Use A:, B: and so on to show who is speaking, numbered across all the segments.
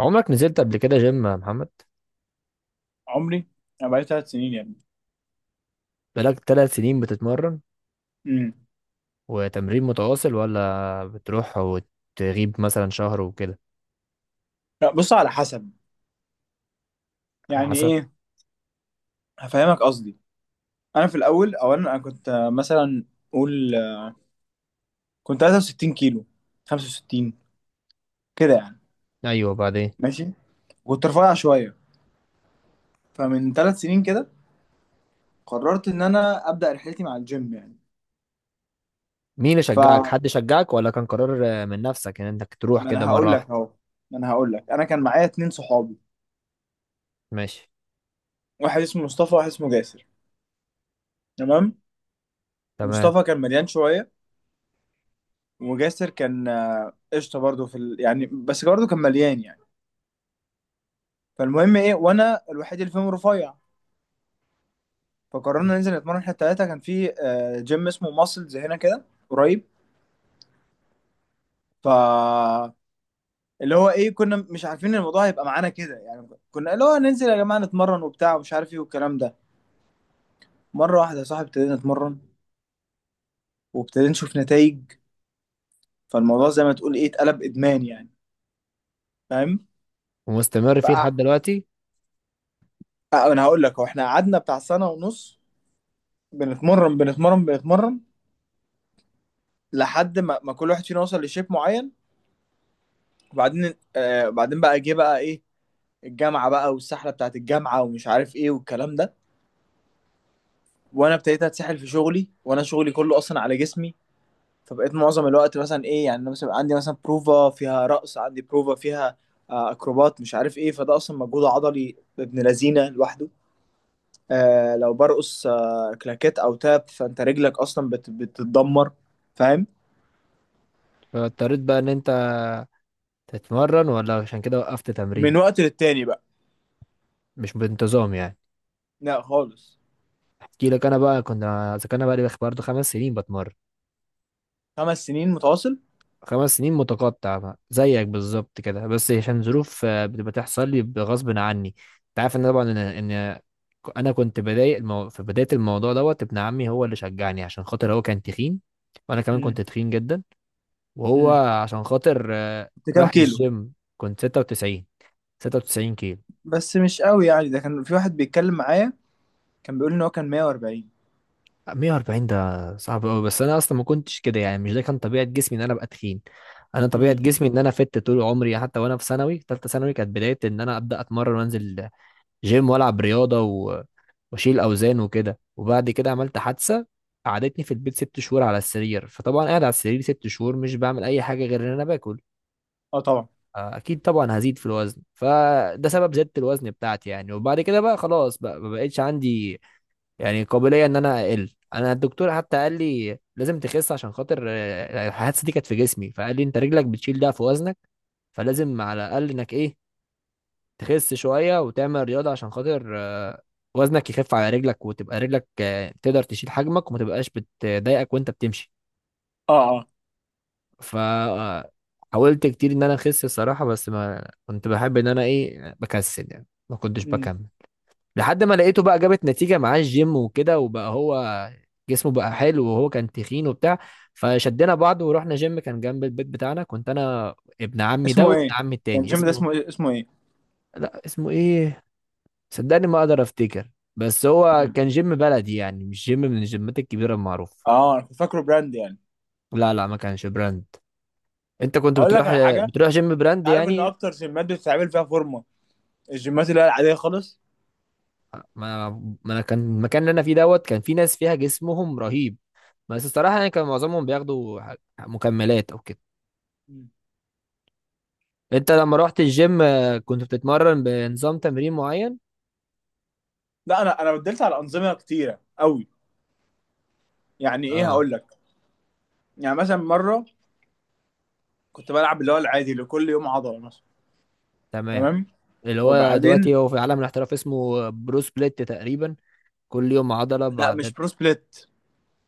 A: عمرك نزلت قبل كده جيم يا محمد؟
B: عمري. انا بقالي 3 سنين يعني.
A: بقالك 3 سنين بتتمرن؟
B: امم.
A: وتمرين متواصل ولا بتروح وتغيب مثلا شهر وكده؟
B: لا، بص، على حسب.
A: على
B: يعني
A: حسب.
B: ايه؟ هفهمك قصدي. انا في الاول، اولا، انا كنت مثلا، قول، كنت 63 كيلو. 65 كده يعني.
A: ايوه، بعدين؟
B: ماشي. كنت رفيع شويه. فمن 3 سنين كده قررت ان انا ابدا رحلتي مع الجيم يعني.
A: مين اللي شجعك،
B: فما
A: حد شجعك ولا كان قرار من نفسك ان انك تروح كده
B: انا
A: مره
B: هقول لك
A: واحده؟
B: اهو، ما انا هقول لك انا كان معايا 2 صحابي.
A: ماشي.
B: واحد اسمه مصطفى وواحد اسمه جاسر. تمام.
A: تمام.
B: مصطفى كان مليان شويه. وجاسر كان قشطه برضه في يعني، بس برضه كان مليان يعني. فالمهم ايه؟ وانا الوحيد اللي فيهم رفيع. فقررنا ننزل نتمرن احنا التلاته. كان في جيم اسمه ماسلز هنا كده قريب. ف اللي هو ايه، كنا مش عارفين ان الموضوع هيبقى معانا كده يعني. كنا اللي هو ننزل يا جماعه نتمرن وبتاع ومش عارف ايه والكلام ده. مره واحده يا صاحبي ابتدينا نتمرن. وابتدينا نشوف نتائج. فالموضوع زي ما تقول ايه اتقلب ادمان يعني. فاهم.
A: ومستمر فيه لحد
B: فأ-
A: دلوقتي؟
B: انا هقول لك، هو احنا قعدنا بتاع سنه ونص بنتمرن بنتمرن بنتمرن لحد ما كل واحد فينا وصل لشيب معين. وبعدين آه بعدين بقى جه بقى ايه. الجامعه بقى والسحله بتاعت الجامعه ومش عارف ايه والكلام ده. وانا ابتديت اتسحل في شغلي، وانا شغلي كله اصلا على جسمي. فبقيت معظم الوقت مثلا ايه يعني. أنا مثلا عندي مثلا بروفا فيها رقص، عندي بروفا فيها اكروبات مش عارف ايه. فده اصلا مجهود عضلي ابن لذينه لوحده. لو برقص كلاكيت او تاب فانت رجلك اصلا بتتدمر. فاهم.
A: فاضطريت بقى ان انت تتمرن ولا عشان كده وقفت
B: من
A: تمرين؟
B: وقت للتاني بقى.
A: مش بانتظام يعني.
B: لا، خالص.
A: احكي لك انا بقى. كنا اذا كان، انا بقى لي برضه 5 سنين بتمرن.
B: 5 سنين متواصل.
A: 5 سنين متقطع بقى، زيك بالظبط كده، بس عشان ظروف بتبقى تحصل لي بغصب عني. انت عارف ان طبعا ان انا كنت بداية في بداية الموضوع دوت ابن عمي هو اللي شجعني، عشان خاطر هو كان تخين. وانا كمان كنت
B: امم.
A: تخين جدا. وهو
B: امم.
A: عشان خاطر
B: كنت كام
A: راح
B: كيلو؟
A: الجيم. كنت 96، 96 كيلو.
B: بس مش قوي يعني. ده كان في واحد بيتكلم معايا كان بيقول ان هو كان 140.
A: 140 ده صعب قوي، بس انا اصلا ما كنتش كده يعني. مش ده كان طبيعة جسمي ان انا ابقى تخين. انا طبيعه
B: امم.
A: جسمي ان انا فت طول عمري. حتى وانا في ثانوي، ثالثه ثانوي، كانت بدايه ان انا ابدا اتمرن وانزل جيم والعب رياضه و... واشيل اوزان وكده. وبعد كده عملت حادثه قعدتني في البيت 6 شهور على السرير. فطبعا قاعد على السرير 6 شهور مش بعمل اي حاجه غير ان انا باكل.
B: اه، طبعا.
A: اكيد طبعا هزيد في الوزن. فده
B: مم.
A: سبب زياده الوزن بتاعتي يعني. وبعد كده بقى خلاص بقى ما بقتش عندي يعني قابليه ان انا اقل. انا الدكتور حتى قال لي لازم تخس، عشان خاطر الحادثه دي كانت في جسمي. فقال لي انت رجلك بتشيل ده في وزنك، فلازم على الاقل انك ايه تخس شوية وتعمل رياضة، عشان خاطر وزنك يخف على رجلك، وتبقى رجلك تقدر تشيل حجمك وما تبقاش بتضايقك وانت بتمشي.
B: اه اه.
A: ف حاولت كتير ان انا اخس الصراحة. بس ما كنت بحب ان انا ايه، بكسل يعني، ما كنتش
B: امم.
A: بكمل. لحد ما لقيته بقى جابت نتيجة معاه الجيم وكده، وبقى هو جسمه بقى حلو، وهو كان تخين وبتاع. فشدينا بعض ورحنا جيم كان جنب البيت بتاعنا. كنت انا ابن عمي ده
B: اسمه
A: وابن
B: ايه؟
A: عمي
B: يعني
A: التاني
B: الجيم ده
A: اسمه...
B: اسمه ايه؟
A: لا، اسمه ايه، صدقني ما اقدر افتكر. بس هو
B: مم.
A: كان جيم بلدي يعني، مش جيم من الجيمات الكبيره المعروفه.
B: اه، انا كنت فاكره براند يعني.
A: لا لا، ما كانش براند. انت كنت
B: هقول لك
A: بتروح،
B: على حاجه.
A: بتروح
B: انت
A: جيم براند
B: عارف ان
A: يعني.
B: اكتر جيمات بتتعمل فيها فورمه الجيمات اللي هي العاديه خالص.
A: ما ما انا كان المكان اللي انا فيه دوت كان في ناس فيها جسمهم رهيب. بس الصراحه يعني كان معظمهم بياخدوا مكملات او كده.
B: مم.
A: انت لما رحت الجيم كنت بتتمرن بنظام تمرين معين؟
B: لا، انا بدلت على انظمه كتيره قوي. يعني ايه،
A: اه
B: هقول لك. يعني مثلا مره كنت بلعب اللي هو العادي اللي كل يوم عضله مثلا.
A: تمام.
B: تمام.
A: اللي هو
B: وبعدين.
A: دلوقتي هو في عالم الاحتراف اسمه برو سبليت تقريبا. كل يوم عضله
B: لا، مش
A: بعدد.
B: برو سبليت.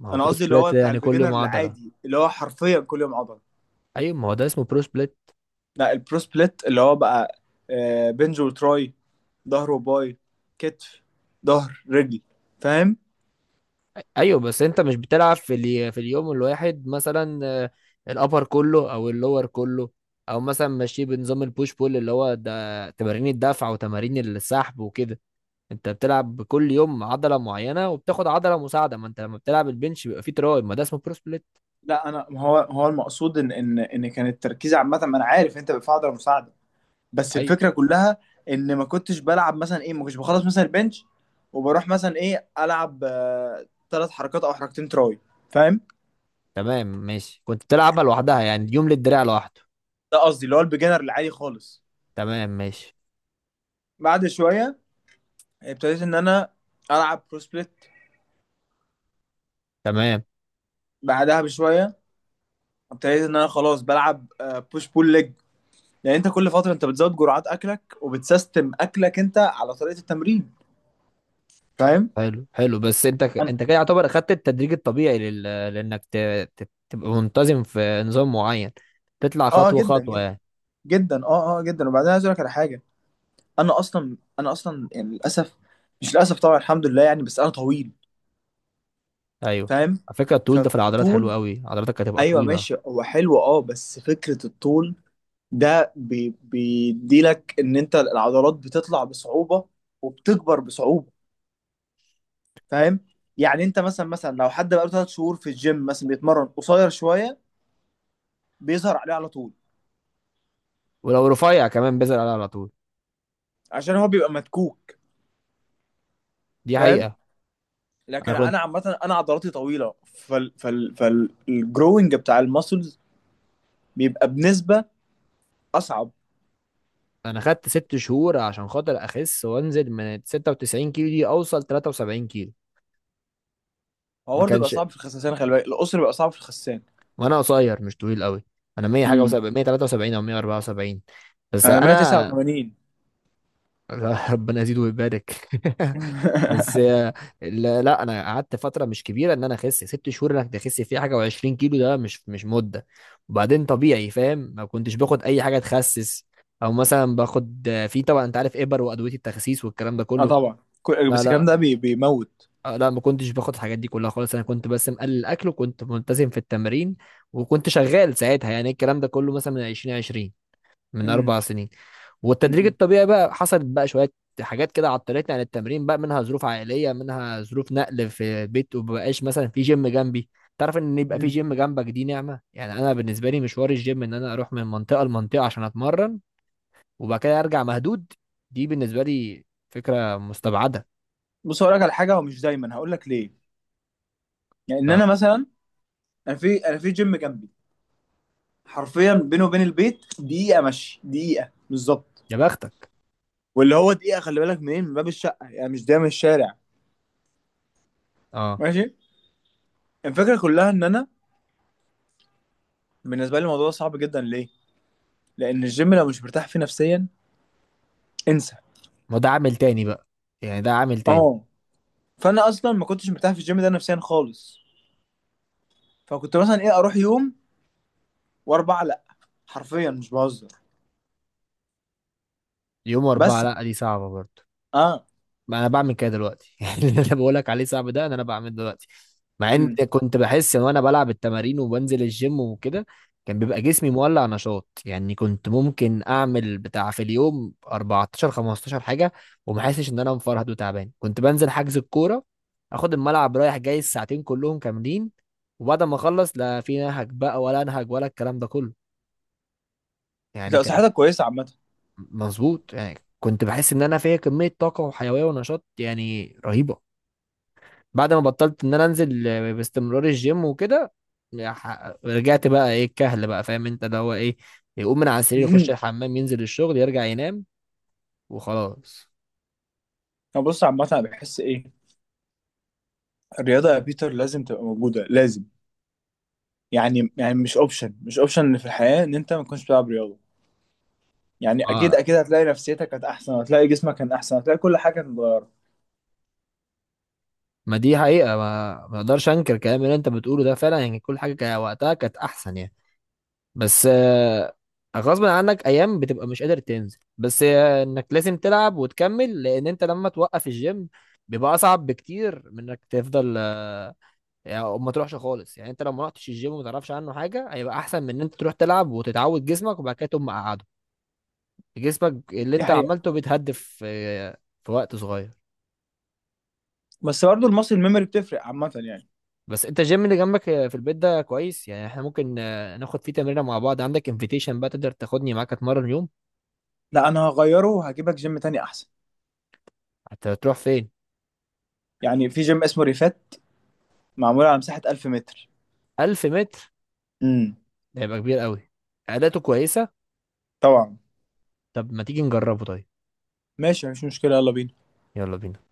A: ما هو
B: انا
A: برو
B: قصدي اللي
A: سبليت
B: هو بتاع
A: يعني كل
B: البيجنر
A: يوم عضله.
B: العادي اللي هو حرفيا كل يوم عضله.
A: ايوه، ما هو ده اسمه برو سبليت.
B: لا، البرو سبليت اللي هو بقى بنج وتراي، ظهر وباي، كتف، ظهر، رجل. فاهم.
A: ايوه، بس انت مش بتلعب في اليوم الواحد مثلا الابر كله او اللور كله، او مثلا ماشي بنظام البوش بول اللي هو ده تمارين الدفع وتمارين السحب وكده. انت بتلعب كل يوم عضله معينه وبتاخد عضله مساعده. ما انت لما بتلعب البنش بيبقى فيه تراي، ما ده اسمه برو سبليت.
B: لا، انا هو المقصود ان كان التركيز عامه. ما انا عارف انت بتدفع عضله مساعده. بس
A: ايوه
B: الفكره كلها ان ما كنتش بلعب مثلا ايه، ما كنتش بخلص مثلا البنش وبروح مثلا ايه العب 3 حركات او حركتين تراي. فاهم.
A: تمام ماشي، كنت بتلعبها لوحدها يعني، يوم للدراع لوحده.
B: ده قصدي اللي هو البيجنر العادي خالص.
A: تمام ماشي.
B: بعد شويه ابتديت ان انا العب برو سبليت.
A: تمام.
B: بعدها بشويه ابتديت ان انا خلاص بلعب بوش بول ليج. لان انت كل فتره انت بتزود جرعات اكلك وبتسيستم اكلك انت على طريقه التمرين. فاهم.
A: حلو حلو، بس انت
B: أنا...
A: انت كده يعتبر اخدت التدريج الطبيعي لل... لانك تبقى منتظم في نظام معين، تطلع
B: اه،
A: خطوه
B: جدا
A: خطوه
B: جدا
A: يعني.
B: جدا، اه اه، جدا. وبعدين عايز اقول لك على حاجه. انا اصلا يعني للاسف. مش للاسف، طبعا الحمد لله يعني، بس انا طويل.
A: ايوه.
B: فاهم.
A: على فكره، الطول ده في العضلات حلو
B: فطول.
A: قوي، عضلاتك هتبقى
B: ايوه،
A: طويله.
B: ماشي، هو حلو اه. بس فكره الطول ده بيديلك ان انت العضلات بتطلع بصعوبه وبتكبر بصعوبه. فاهم. يعني انت مثلا لو حد بقاله 3 شهور في الجيم مثلا بيتمرن قصير شويه بيظهر عليه على طول.
A: ولو رفيع كمان بيزعل عليها على طول.
B: عشان هو بيبقى مدكوك.
A: دي
B: فاهم.
A: حقيقه. انا
B: لكن
A: كنت،
B: انا عامه، انا عضلاتي طويله فالجروينج بتاع المسلز بيبقى بنسبه اصعب.
A: انا خدت 6 شهور عشان خاطر اخس وانزل من 96 كيلو دي اوصل 73 كيلو.
B: هو
A: ما
B: برضه بيبقى
A: كانش.
B: صعب في الخسسان، خلي بالك القصر بيبقى صعب في الخسسان.
A: وانا قصير مش طويل قوي، انا 100 حاجه و7،
B: امم.
A: 173 او 174. بس
B: انا
A: انا
B: 189.
A: ربنا يزيده ويبارك بس لا لا، انا قعدت فتره مش كبيره. ان انا اخس 6 شهور انك تخس فيه حاجه و20 كيلو، ده مش مده. وبعدين طبيعي، فاهم. ما كنتش باخد اي حاجه تخسس، او مثلا باخد في، طبعا انت عارف، ابر وادويه التخسيس والكلام ده
B: اه،
A: كله.
B: طبعا.
A: لا
B: بس الكلام
A: لا،
B: ده بيموت.
A: لا، ما كنتش باخد الحاجات دي كلها خالص. انا كنت بس مقلل الاكل وكنت ملتزم في التمرين. وكنت شغال ساعتها يعني إيه الكلام ده كله، مثلا من 2020، من
B: امم.
A: 4 سنين. والتدريج
B: امم.
A: الطبيعي بقى حصلت بقى شوية حاجات كده عطلتني عن التمرين. بقى منها ظروف عائلية، منها ظروف نقل في بيت، ومبقاش مثلا في جيم جنبي. تعرف ان يبقى في
B: امم.
A: جيم جنبك دي نعمة يعني. انا بالنسبة لي مشوار الجيم ان انا اروح من منطقة لمنطقة عشان اتمرن، وبعد كده ارجع مهدود، دي بالنسبة لي فكرة مستبعدة.
B: بص، هقول لك على حاجه. هو مش دايما، هقول لك ليه. يعني ان
A: اه.
B: انا مثلا، انا في جيم جنبي حرفيا، بينه وبين البيت دقيقه مشي، دقيقه بالظبط.
A: يا بختك.
B: واللي هو دقيقه، خلي بالك منين، من باب الشقه يعني، مش ده من الشارع.
A: اه.
B: ماشي. الفكره كلها ان انا بالنسبه لي الموضوع ده صعب جدا. ليه؟ لان الجيم لو مش مرتاح فيه نفسيا انسى.
A: ما ده عامل تاني بقى، يعني ده عامل تاني.
B: اه. فانا اصلا ما كنتش مرتاح في الجيم ده نفسيا خالص. فكنت مثلا ايه اروح يوم واربعه لا، حرفيا مش بهزر.
A: يوم اربعة
B: بس
A: لا دي صعبة برضه.
B: اه.
A: ما انا بعمل كده دلوقتي يعني اللي انا بقولك عليه صعب ده انا بعمله دلوقتي. مع ان
B: امم.
A: كنت بحس ان وانا بلعب التمارين وبنزل الجيم وكده كان بيبقى جسمي مولع نشاط يعني. كنت ممكن اعمل بتاع في اليوم 14 15 حاجه وما حاسش ان انا مفرهد وتعبان. كنت بنزل حجز الكوره، اخد الملعب رايح جاي الساعتين كلهم كاملين، وبعد ما اخلص لا في نهج بقى ولا انهج ولا الكلام ده كله. يعني
B: لو
A: كان،
B: صحتك كويسه عامه.
A: مظبوط يعني، كنت بحس ان انا فيا كميه طاقه وحيويه ونشاط يعني رهيبه. بعد ما بطلت ان انا انزل باستمرار الجيم وكده، رجعت بقى ايه الكهل بقى، فاهم انت، اللي هو ايه، يقوم من على السرير يخش الحمام ينزل الشغل يرجع ينام وخلاص.
B: طب بص، عامه انا بحس ايه. الرياضه يا بيتر لازم تبقى موجوده، لازم. يعني مش اوبشن، مش اوبشن في الحياه ان انت ما تكونش بتلعب رياضه. يعني اكيد
A: ما,
B: اكيد هتلاقي نفسيتك كانت احسن، هتلاقي جسمك كان احسن، هتلاقي كل حاجه كانت اتغيرت.
A: ما دي حقيقة، ما اقدرش انكر الكلام اللي انت بتقوله ده فعلا يعني. كل حاجة كان وقتها كانت احسن يعني. بس غصب عنك ايام بتبقى مش قادر تنزل، بس انك لازم تلعب وتكمل، لان انت لما توقف الجيم بيبقى اصعب بكتير من انك تفضل يعني، أو ما تروحش خالص يعني. انت لو ما رحتش الجيم وما تعرفش عنه حاجه هيبقى احسن من ان انت تروح تلعب وتتعود جسمك وبعد كده تقوم مقعده، جسمك اللي
B: دي
A: انت
B: حقيقه.
A: عملته بيتهدف في وقت صغير.
B: بس برضه الماسل ميموري بتفرق عامه يعني.
A: بس انت الجيم اللي جنبك في البيت ده كويس يعني، احنا ممكن ناخد فيه تمرينه مع بعض، عندك انفيتيشن بقى تقدر تاخدني معاك اتمرن يوم.
B: لا، انا هغيره وهجيبك جيم تاني احسن.
A: هتروح فين؟
B: يعني في جيم اسمه ريفات معمول على مساحه 1000 متر.
A: 1000 متر؟
B: امم.
A: ده هيبقى كبير قوي. اداته كويسه.
B: طبعا.
A: طب ما تيجي نجربه طيب.
B: ماشي مفيش مشكله، يلا بينا.
A: يلا بينا.